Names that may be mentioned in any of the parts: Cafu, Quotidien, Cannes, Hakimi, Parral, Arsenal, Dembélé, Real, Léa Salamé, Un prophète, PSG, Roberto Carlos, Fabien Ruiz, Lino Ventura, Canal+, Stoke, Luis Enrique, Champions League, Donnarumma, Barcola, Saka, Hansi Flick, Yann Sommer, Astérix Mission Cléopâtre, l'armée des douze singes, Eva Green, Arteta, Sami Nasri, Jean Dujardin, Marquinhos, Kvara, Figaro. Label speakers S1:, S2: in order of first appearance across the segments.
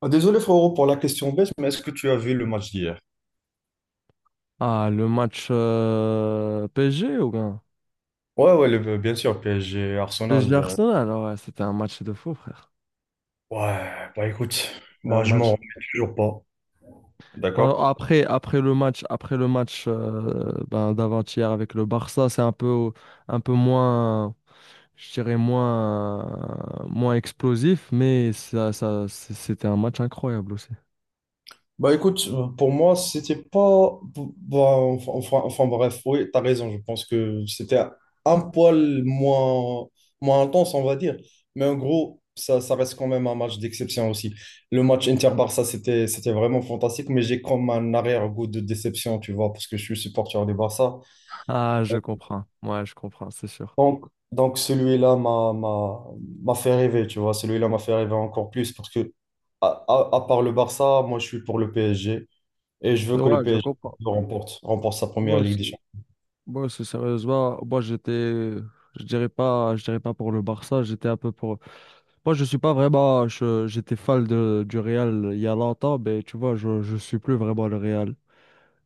S1: Ah, désolé frérot pour la question bête, mais est-ce que tu as vu le match d'hier?
S2: Ah, le match PSG ou bien?
S1: Ouais, ouais, bien sûr, PSG,
S2: PSG
S1: Arsenal.
S2: Arsenal, ah ouais, c'était un match de fou, frère.
S1: Ouais, bah écoute,
S2: Un
S1: bah je m'en
S2: match.
S1: remets toujours pas.
S2: Bon,
S1: D'accord?
S2: après, après le match ben, d'avant-hier avec le Barça, c'est un peu moins, je dirais moins explosif, mais ça, c'était un match incroyable aussi.
S1: Bah écoute, pour moi, c'était pas. Bah, bref, oui, t'as raison, je pense que c'était un poil moins, moins intense, on va dire. Mais en gros, ça reste quand même un match d'exception aussi. Le match Inter-Barça, c'était vraiment fantastique, mais j'ai comme un arrière-goût de déception, tu vois, parce que je suis supporter du Barça.
S2: Ah, je comprends. Ouais, je comprends, c'est sûr.
S1: Donc, donc celui-là m'a fait rêver, tu vois. Celui-là m'a fait rêver encore plus parce que, à part le Barça, moi, je suis pour le PSG et je veux que le
S2: Ouais, je
S1: PSG
S2: comprends.
S1: remporte, remporte sa
S2: Moi
S1: première Ligue des
S2: aussi.
S1: Champions.
S2: Moi aussi, sérieusement, moi j'étais, je dirais pas pour le Barça, j'étais un peu pour. Moi, je suis pas vraiment. J'étais fan du Real il y a longtemps, mais tu vois, je suis plus vraiment le Real.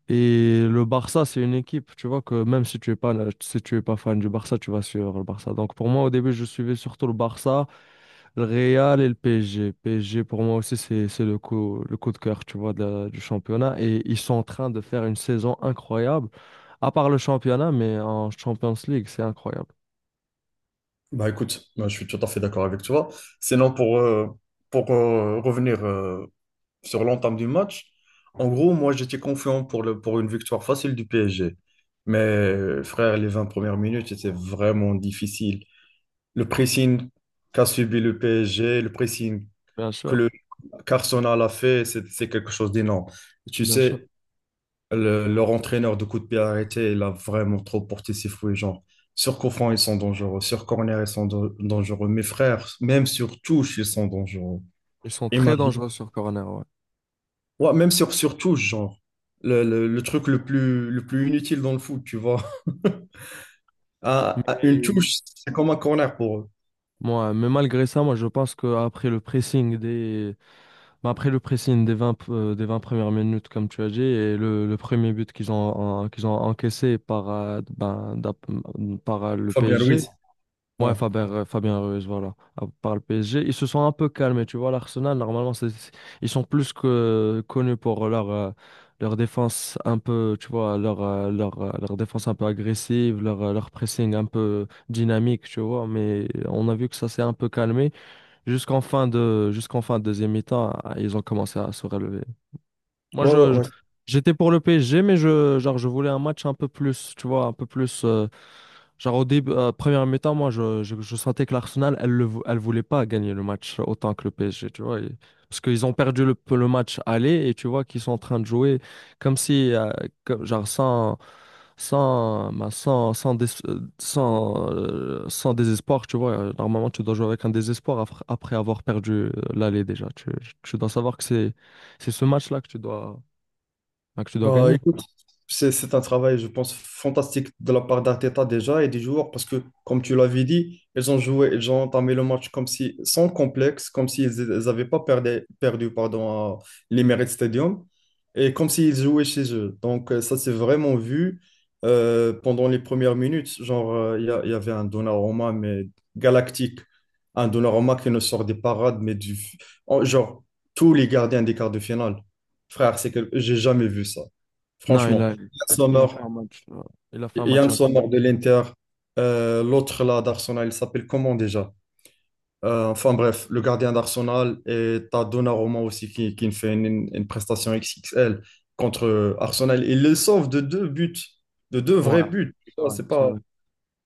S2: Et le Barça, c'est une équipe, tu vois, que même si tu es pas fan du Barça, tu vas suivre le Barça. Donc pour moi, au début, je suivais surtout le Barça, le Real et le PSG. PSG, pour moi aussi, c'est le coup de cœur, tu vois, du championnat. Et ils sont en train de faire une saison incroyable, à part le championnat, mais en Champions League, c'est incroyable.
S1: Bah écoute, moi, je suis tout à fait d'accord avec toi. Sinon, pour revenir sur l'entame du match. En gros, moi j'étais confiant pour une victoire facile du PSG. Mais frère, les 20 premières minutes c'était vraiment difficile. Le pressing qu'a subi le PSG, le pressing
S2: Bien
S1: que
S2: sûr,
S1: le qu'Arsenal a fait, c'est quelque chose d'énorme. Tu
S2: bien sûr.
S1: sais, leur entraîneur de coup de pied arrêté, il a vraiment trop porté ses fouets. Genre, sur coup franc, ils sont dangereux. Sur corner, ils sont dangereux. Mes frères, même sur touche, ils sont dangereux.
S2: Ils sont très
S1: Imagine.
S2: dangereux sur corner,
S1: Ouais, même sur touche, genre. Le truc le plus inutile dans le foot, tu vois. À, à une
S2: ouais.
S1: touche, c'est comme un corner pour eux.
S2: Moi, mais malgré ça, moi je pense qu'après le pressing des bah, après le pressing des vingt premières minutes, comme tu as dit, et le premier but qu'ils ont encaissé par le
S1: Fabien
S2: PSG.
S1: Ruiz.
S2: Ouais,
S1: Ouais,
S2: Fabien Ruiz, voilà, à part le PSG. Ils se sont un peu calmés, tu vois. L'Arsenal, normalement, ils sont plus que connus pour leur défense un peu, tu vois, leur défense un peu agressive, leur pressing un peu dynamique, tu vois. Mais on a vu que ça s'est un peu calmé. Jusqu'en fin de deuxième mi-temps, ils ont commencé à se relever. Moi,
S1: ouais.
S2: j'étais pour le PSG, mais je, genre, je voulais un match un peu plus, tu vois, un peu plus, genre, au début, première mi-temps, moi, je sentais que l'Arsenal, elle voulait pas gagner le match autant que le PSG, tu vois. Et parce qu'ils ont perdu le match aller et tu vois qu'ils sont en train de jouer comme si, comme- genre, sans désespoir, tu vois. Normalement, tu dois jouer avec un désespoir après avoir perdu l'aller déjà. Tu dois savoir que c'est. C'est ce match-là que tu dois, donc, tu dois
S1: Bah,
S2: gagner.
S1: écoute, c'est un travail, je pense, fantastique de la part d'Arteta déjà et des joueurs parce que, comme tu l'avais dit, ils ont entamé le match comme si, sans complexe, comme s'ils n'avaient pas perdu pardon, à l'Emirates Stadium et comme s'ils jouaient chez eux. Donc, ça s'est vraiment vu pendant les premières minutes. Genre, il y avait un Donnarumma, mais galactique. Un Donnarumma qui ne sort des parades, mais du. en- Genre, Tous les gardiens des quarts de finale. Frère, c'est que j'ai jamais vu ça.
S2: Non, il
S1: Franchement,
S2: a,
S1: il Yann
S2: il a
S1: Sommer,
S2: fait un match. Il a fait un match
S1: Yann
S2: incroyable.
S1: Sommer de l'Inter, l'autre là d'Arsenal, il s'appelle comment déjà? Enfin bref, le gardien d'Arsenal et t'as Donnarumma aussi qui fait une prestation XXL contre Arsenal. Il le sauve de deux buts, de deux vrais
S2: Voilà,
S1: buts. Tu
S2: c'est
S1: vois,
S2: vrai,
S1: c'est
S2: c'est
S1: pas.
S2: vrai.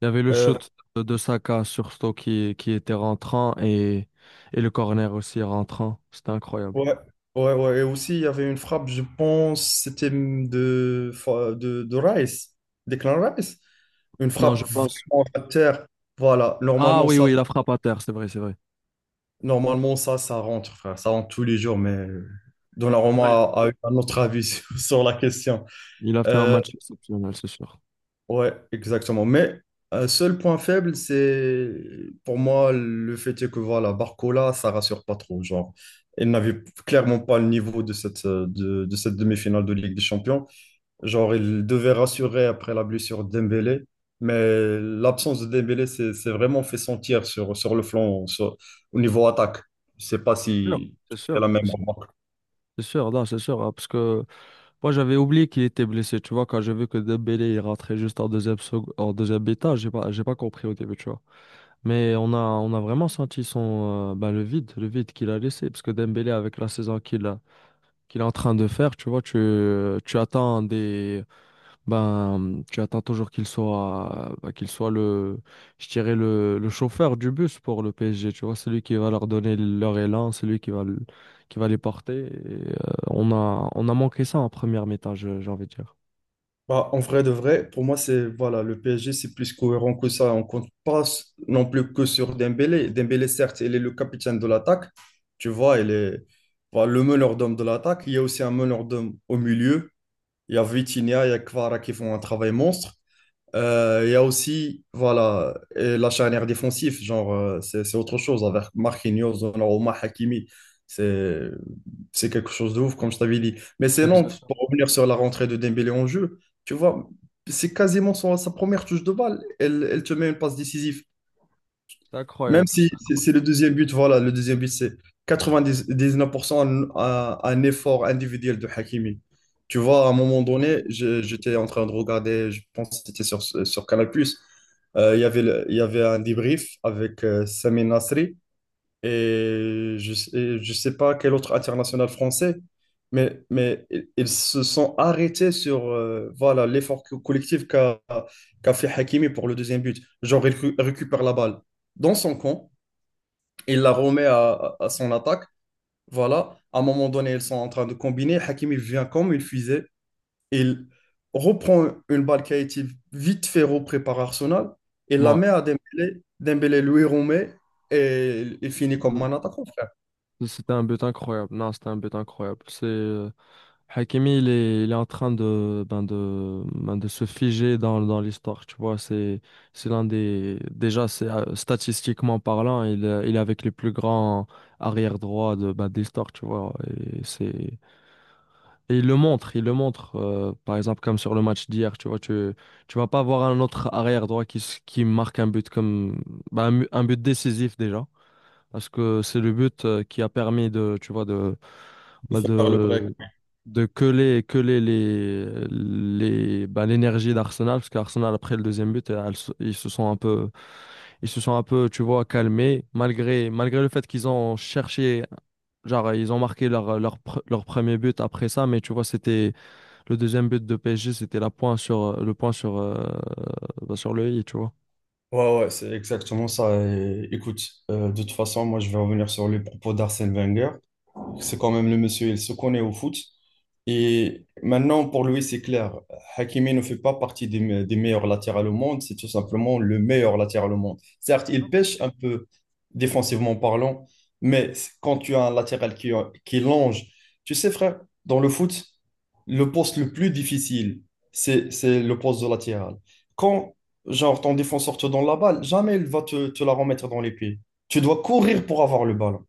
S2: Il y avait le
S1: euh,
S2: shoot de Saka sur Stoke qui était rentrant et le corner aussi rentrant. C'était incroyable.
S1: ouais, ouais. Et aussi, il y avait une frappe, je pense, c'était de Rice, Declan Rice. Une
S2: Non,
S1: frappe
S2: je pense.
S1: vraiment à terre. Voilà,
S2: Ah
S1: normalement,
S2: oui,
S1: ça,
S2: oui, il a frappé à terre, c'est vrai, c'est vrai.
S1: Normalement, ça rentre, frère. Ça rentre tous les jours, mais Donnarumma
S2: Non, il...
S1: a eu un autre avis sur la question.
S2: il a fait un
S1: Euh,
S2: match exceptionnel, c'est sûr.
S1: ouais, exactement. Mais un seul point faible, c'est pour moi le fait est que voilà, Barcola, ça rassure pas trop. Genre, elle n'avait clairement pas le niveau de cette demi-finale de Ligue des Champions. Genre, il devait rassurer après la blessure de Dembélé, mais l'absence de Dembélé s'est vraiment fait sentir sur le flanc, au niveau attaque. Je sais pas
S2: Sûr.
S1: si
S2: C'est
S1: tu fais
S2: sûr,
S1: la
S2: c'est
S1: même
S2: sûr.
S1: remarque.
S2: C'est sûr, non, c'est sûr, hein, parce que moi j'avais oublié qu'il était blessé, tu vois, quand j'ai vu que Dembélé il rentrait juste en deuxième mi-temps, j'ai pas compris au début, tu vois. Mais on a vraiment senti le vide qu'il a laissé. Parce que Dembélé, avec la saison qu'il a, qu'il est en train de faire, tu vois, tu attends toujours qu'il soit je dirais le chauffeur du bus pour le PSG, tu vois, celui qui va leur donner leur élan, celui qui va les porter. Et, on a manqué ça en première mi-temps, j'ai envie de dire.
S1: Bah, en vrai de vrai, pour moi, c'est voilà, le PSG, c'est plus cohérent que ça. On compte pas non plus que sur Dembélé. Dembélé, certes, il est le capitaine de l'attaque. Tu vois, il est voilà, le meneur d'hommes de l'attaque. Il y a aussi un meneur d'hommes au milieu. Il y a Vitinha, il y a Kvara qui font un travail monstre. Il y a aussi, voilà, et la charnière défensive, genre, c'est autre chose avec Marquinhos, Donnarumma, Hakimi. C'est c'est quelque chose de ouf, comme je t'avais dit. Mais c'est non,
S2: Exact.
S1: pour revenir sur la rentrée de Dembélé en jeu, tu vois, c'est quasiment sa première touche de balle. Elle te met une passe décisive.
S2: C'était
S1: Même
S2: incroyable,
S1: si
S2: ça.
S1: c'est le deuxième but, voilà, le deuxième but, c'est 99% un effort individuel de Hakimi. Tu vois, à un moment donné, j'étais en train de regarder, je pense que c'était sur Canal+, il y avait un débrief avec Sami Nasri et je sais pas quel autre international français, mais ils se sont arrêtés sur voilà, l'effort collectif qu'a fait Hakimi pour le deuxième but. Genre, il récupère la balle dans son camp, il la remet à son attaque. Voilà, à un moment donné, ils sont en train de combiner. Hakimi vient comme une fusée. Il reprend une balle qui a été vite fait reprise par Arsenal et la
S2: Ouais.
S1: met à Dembélé. Dembélé lui remet et il finit comme
S2: Mm.
S1: un attaquant, frère.
S2: C'était un but incroyable. Non, c'était un but incroyable. C'est Hakimi, il est en train de se figer dans l'histoire, tu vois. C'est l'un des, déjà, c'est, statistiquement parlant, il est avec les plus grands arrière-droits d'histoire, tu vois. Et c'est, et il le montre, par exemple, comme sur le match d'hier, tu vois. Tu vas pas voir un autre arrière-droit qui marque un but comme un but décisif déjà. Parce que c'est le but qui a permis tu vois, bah,
S1: Par le break.
S2: de, de coller l'énergie d'Arsenal. Parce qu'Arsenal, après le deuxième but, ils se sont un peu, tu vois, calmés. Malgré le fait qu'ils ont cherché, genre, ils ont marqué leur premier but après ça. Mais tu vois, c'était le deuxième but de PSG, c'était le point sur le i, tu vois.
S1: Ouais, ouais, c'est exactement ça. Et écoute, de toute façon, moi, je vais revenir sur les propos d'Arsène Wenger. C'est quand même le monsieur, il se connaît au foot. Et maintenant, pour lui, c'est clair. Hakimi ne fait pas partie des meilleurs latéraux au monde. C'est tout simplement le meilleur latéral au monde. Certes, il
S2: Non,
S1: pêche un peu défensivement parlant, mais quand tu as un latéral qui longe, tu sais, frère, dans le foot, le poste le plus difficile, c'est le poste de latéral. Quand, genre, ton défenseur te donne la balle, jamais il va te la remettre dans les pieds. Tu dois courir pour avoir le ballon.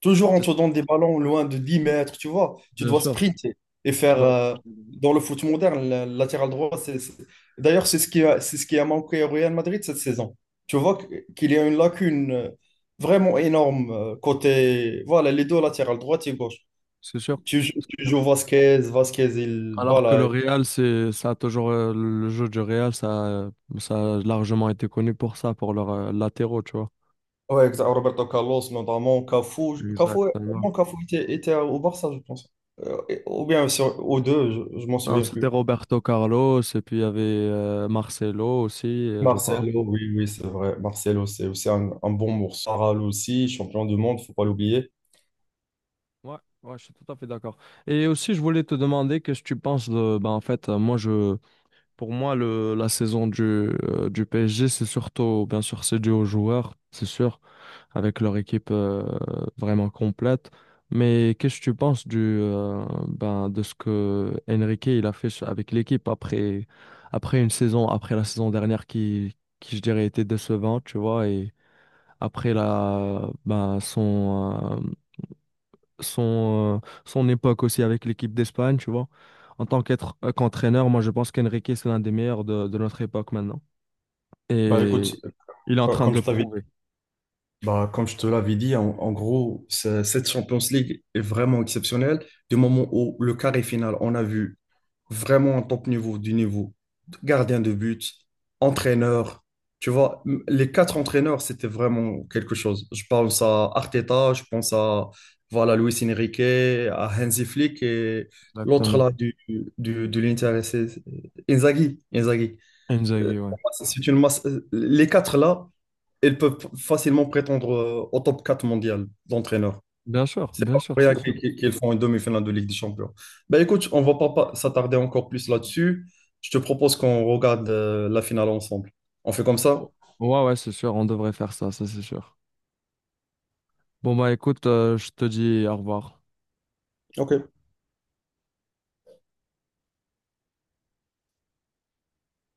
S1: Toujours on
S2: c'est
S1: te
S2: sûr.
S1: donne des ballons loin de 10 mètres, tu vois. Tu
S2: Bien
S1: dois
S2: sûr,
S1: sprinter et
S2: je suis
S1: faire,
S2: d'accord.
S1: dans le foot moderne, le latéral droit. D'ailleurs, c'est ce qui a manqué au Real Madrid cette saison. Tu vois qu'il y a une lacune vraiment énorme côté, voilà, les deux latérales, droite et gauche.
S2: C'est sûr.
S1: Tu joues Vasquez, Vasquez, il,
S2: Alors que le
S1: voilà.
S2: Real, c'est, ça a toujours, le jeu du Real, ça a largement été connu pour ça, pour leurs latéraux, tu vois.
S1: Ouais, exact, Roberto Carlos, notamment Cafu. Cafu, au
S2: Exactement.
S1: moins Cafu était au Barça, je pense. Ou bien sur, aux deux, je m'en
S2: Non,
S1: souviens
S2: c'était
S1: plus.
S2: Roberto Carlos, et puis il y avait Marcelo aussi, je pense.
S1: Marcelo, oui, oui, c'est vrai. Marcelo, c'est aussi un bon morceau. Parral aussi, champion du monde, faut pas l'oublier.
S2: Ouais, ouais, je suis tout à fait d'accord. Et aussi, je voulais te demander qu'est-ce que tu penses de, ben, en fait, moi, je, Pour moi, la saison du PSG, c'est surtout, bien sûr, c'est dû aux joueurs, c'est sûr, avec leur équipe vraiment complète. Mais qu'est-ce que tu penses de ce que Enrique il a fait avec l'équipe après, après la saison dernière qui je dirais, était décevante, tu vois, et après son époque aussi avec l'équipe d'Espagne, tu vois. En tant qu'entraîneur, moi je pense qu'Enrique, c'est l'un des meilleurs de notre époque maintenant.
S1: Bah écoute,
S2: Et il est en
S1: euh,
S2: train de
S1: comme
S2: le
S1: je t'avais,
S2: prouver.
S1: comme je te l'avais dit, en gros, cette Champions League est vraiment exceptionnelle. Du moment où le carré final, on a vu vraiment en top niveau, du niveau gardien de but, entraîneur. Tu vois, les 4 entraîneurs, c'était vraiment quelque chose. Je pense à Arteta, je pense à voilà, Luis Enrique, à Hansi Flick et l'autre
S2: Exactement.
S1: là de l'Inter, c'est Inzaghi. Inzaghi.
S2: Inzaghi, ouais.
S1: Pour moi, c'est une masse. Euh, les quatre là, ils peuvent facilement prétendre au top 4 mondial d'entraîneurs. C'est
S2: Bien
S1: pas pour
S2: sûr,
S1: rien
S2: c'est sûr.
S1: qu'ils font une demi-finale de Ligue des Champions. Ben écoute, on va pas s'attarder encore plus là-dessus. Je te propose qu'on regarde la finale ensemble. On fait comme ça?
S2: Oh. Ouais, ouais, c'est sûr, on devrait faire ça, ça c'est sûr. Bon, bah écoute, je te dis au revoir.
S1: Ok.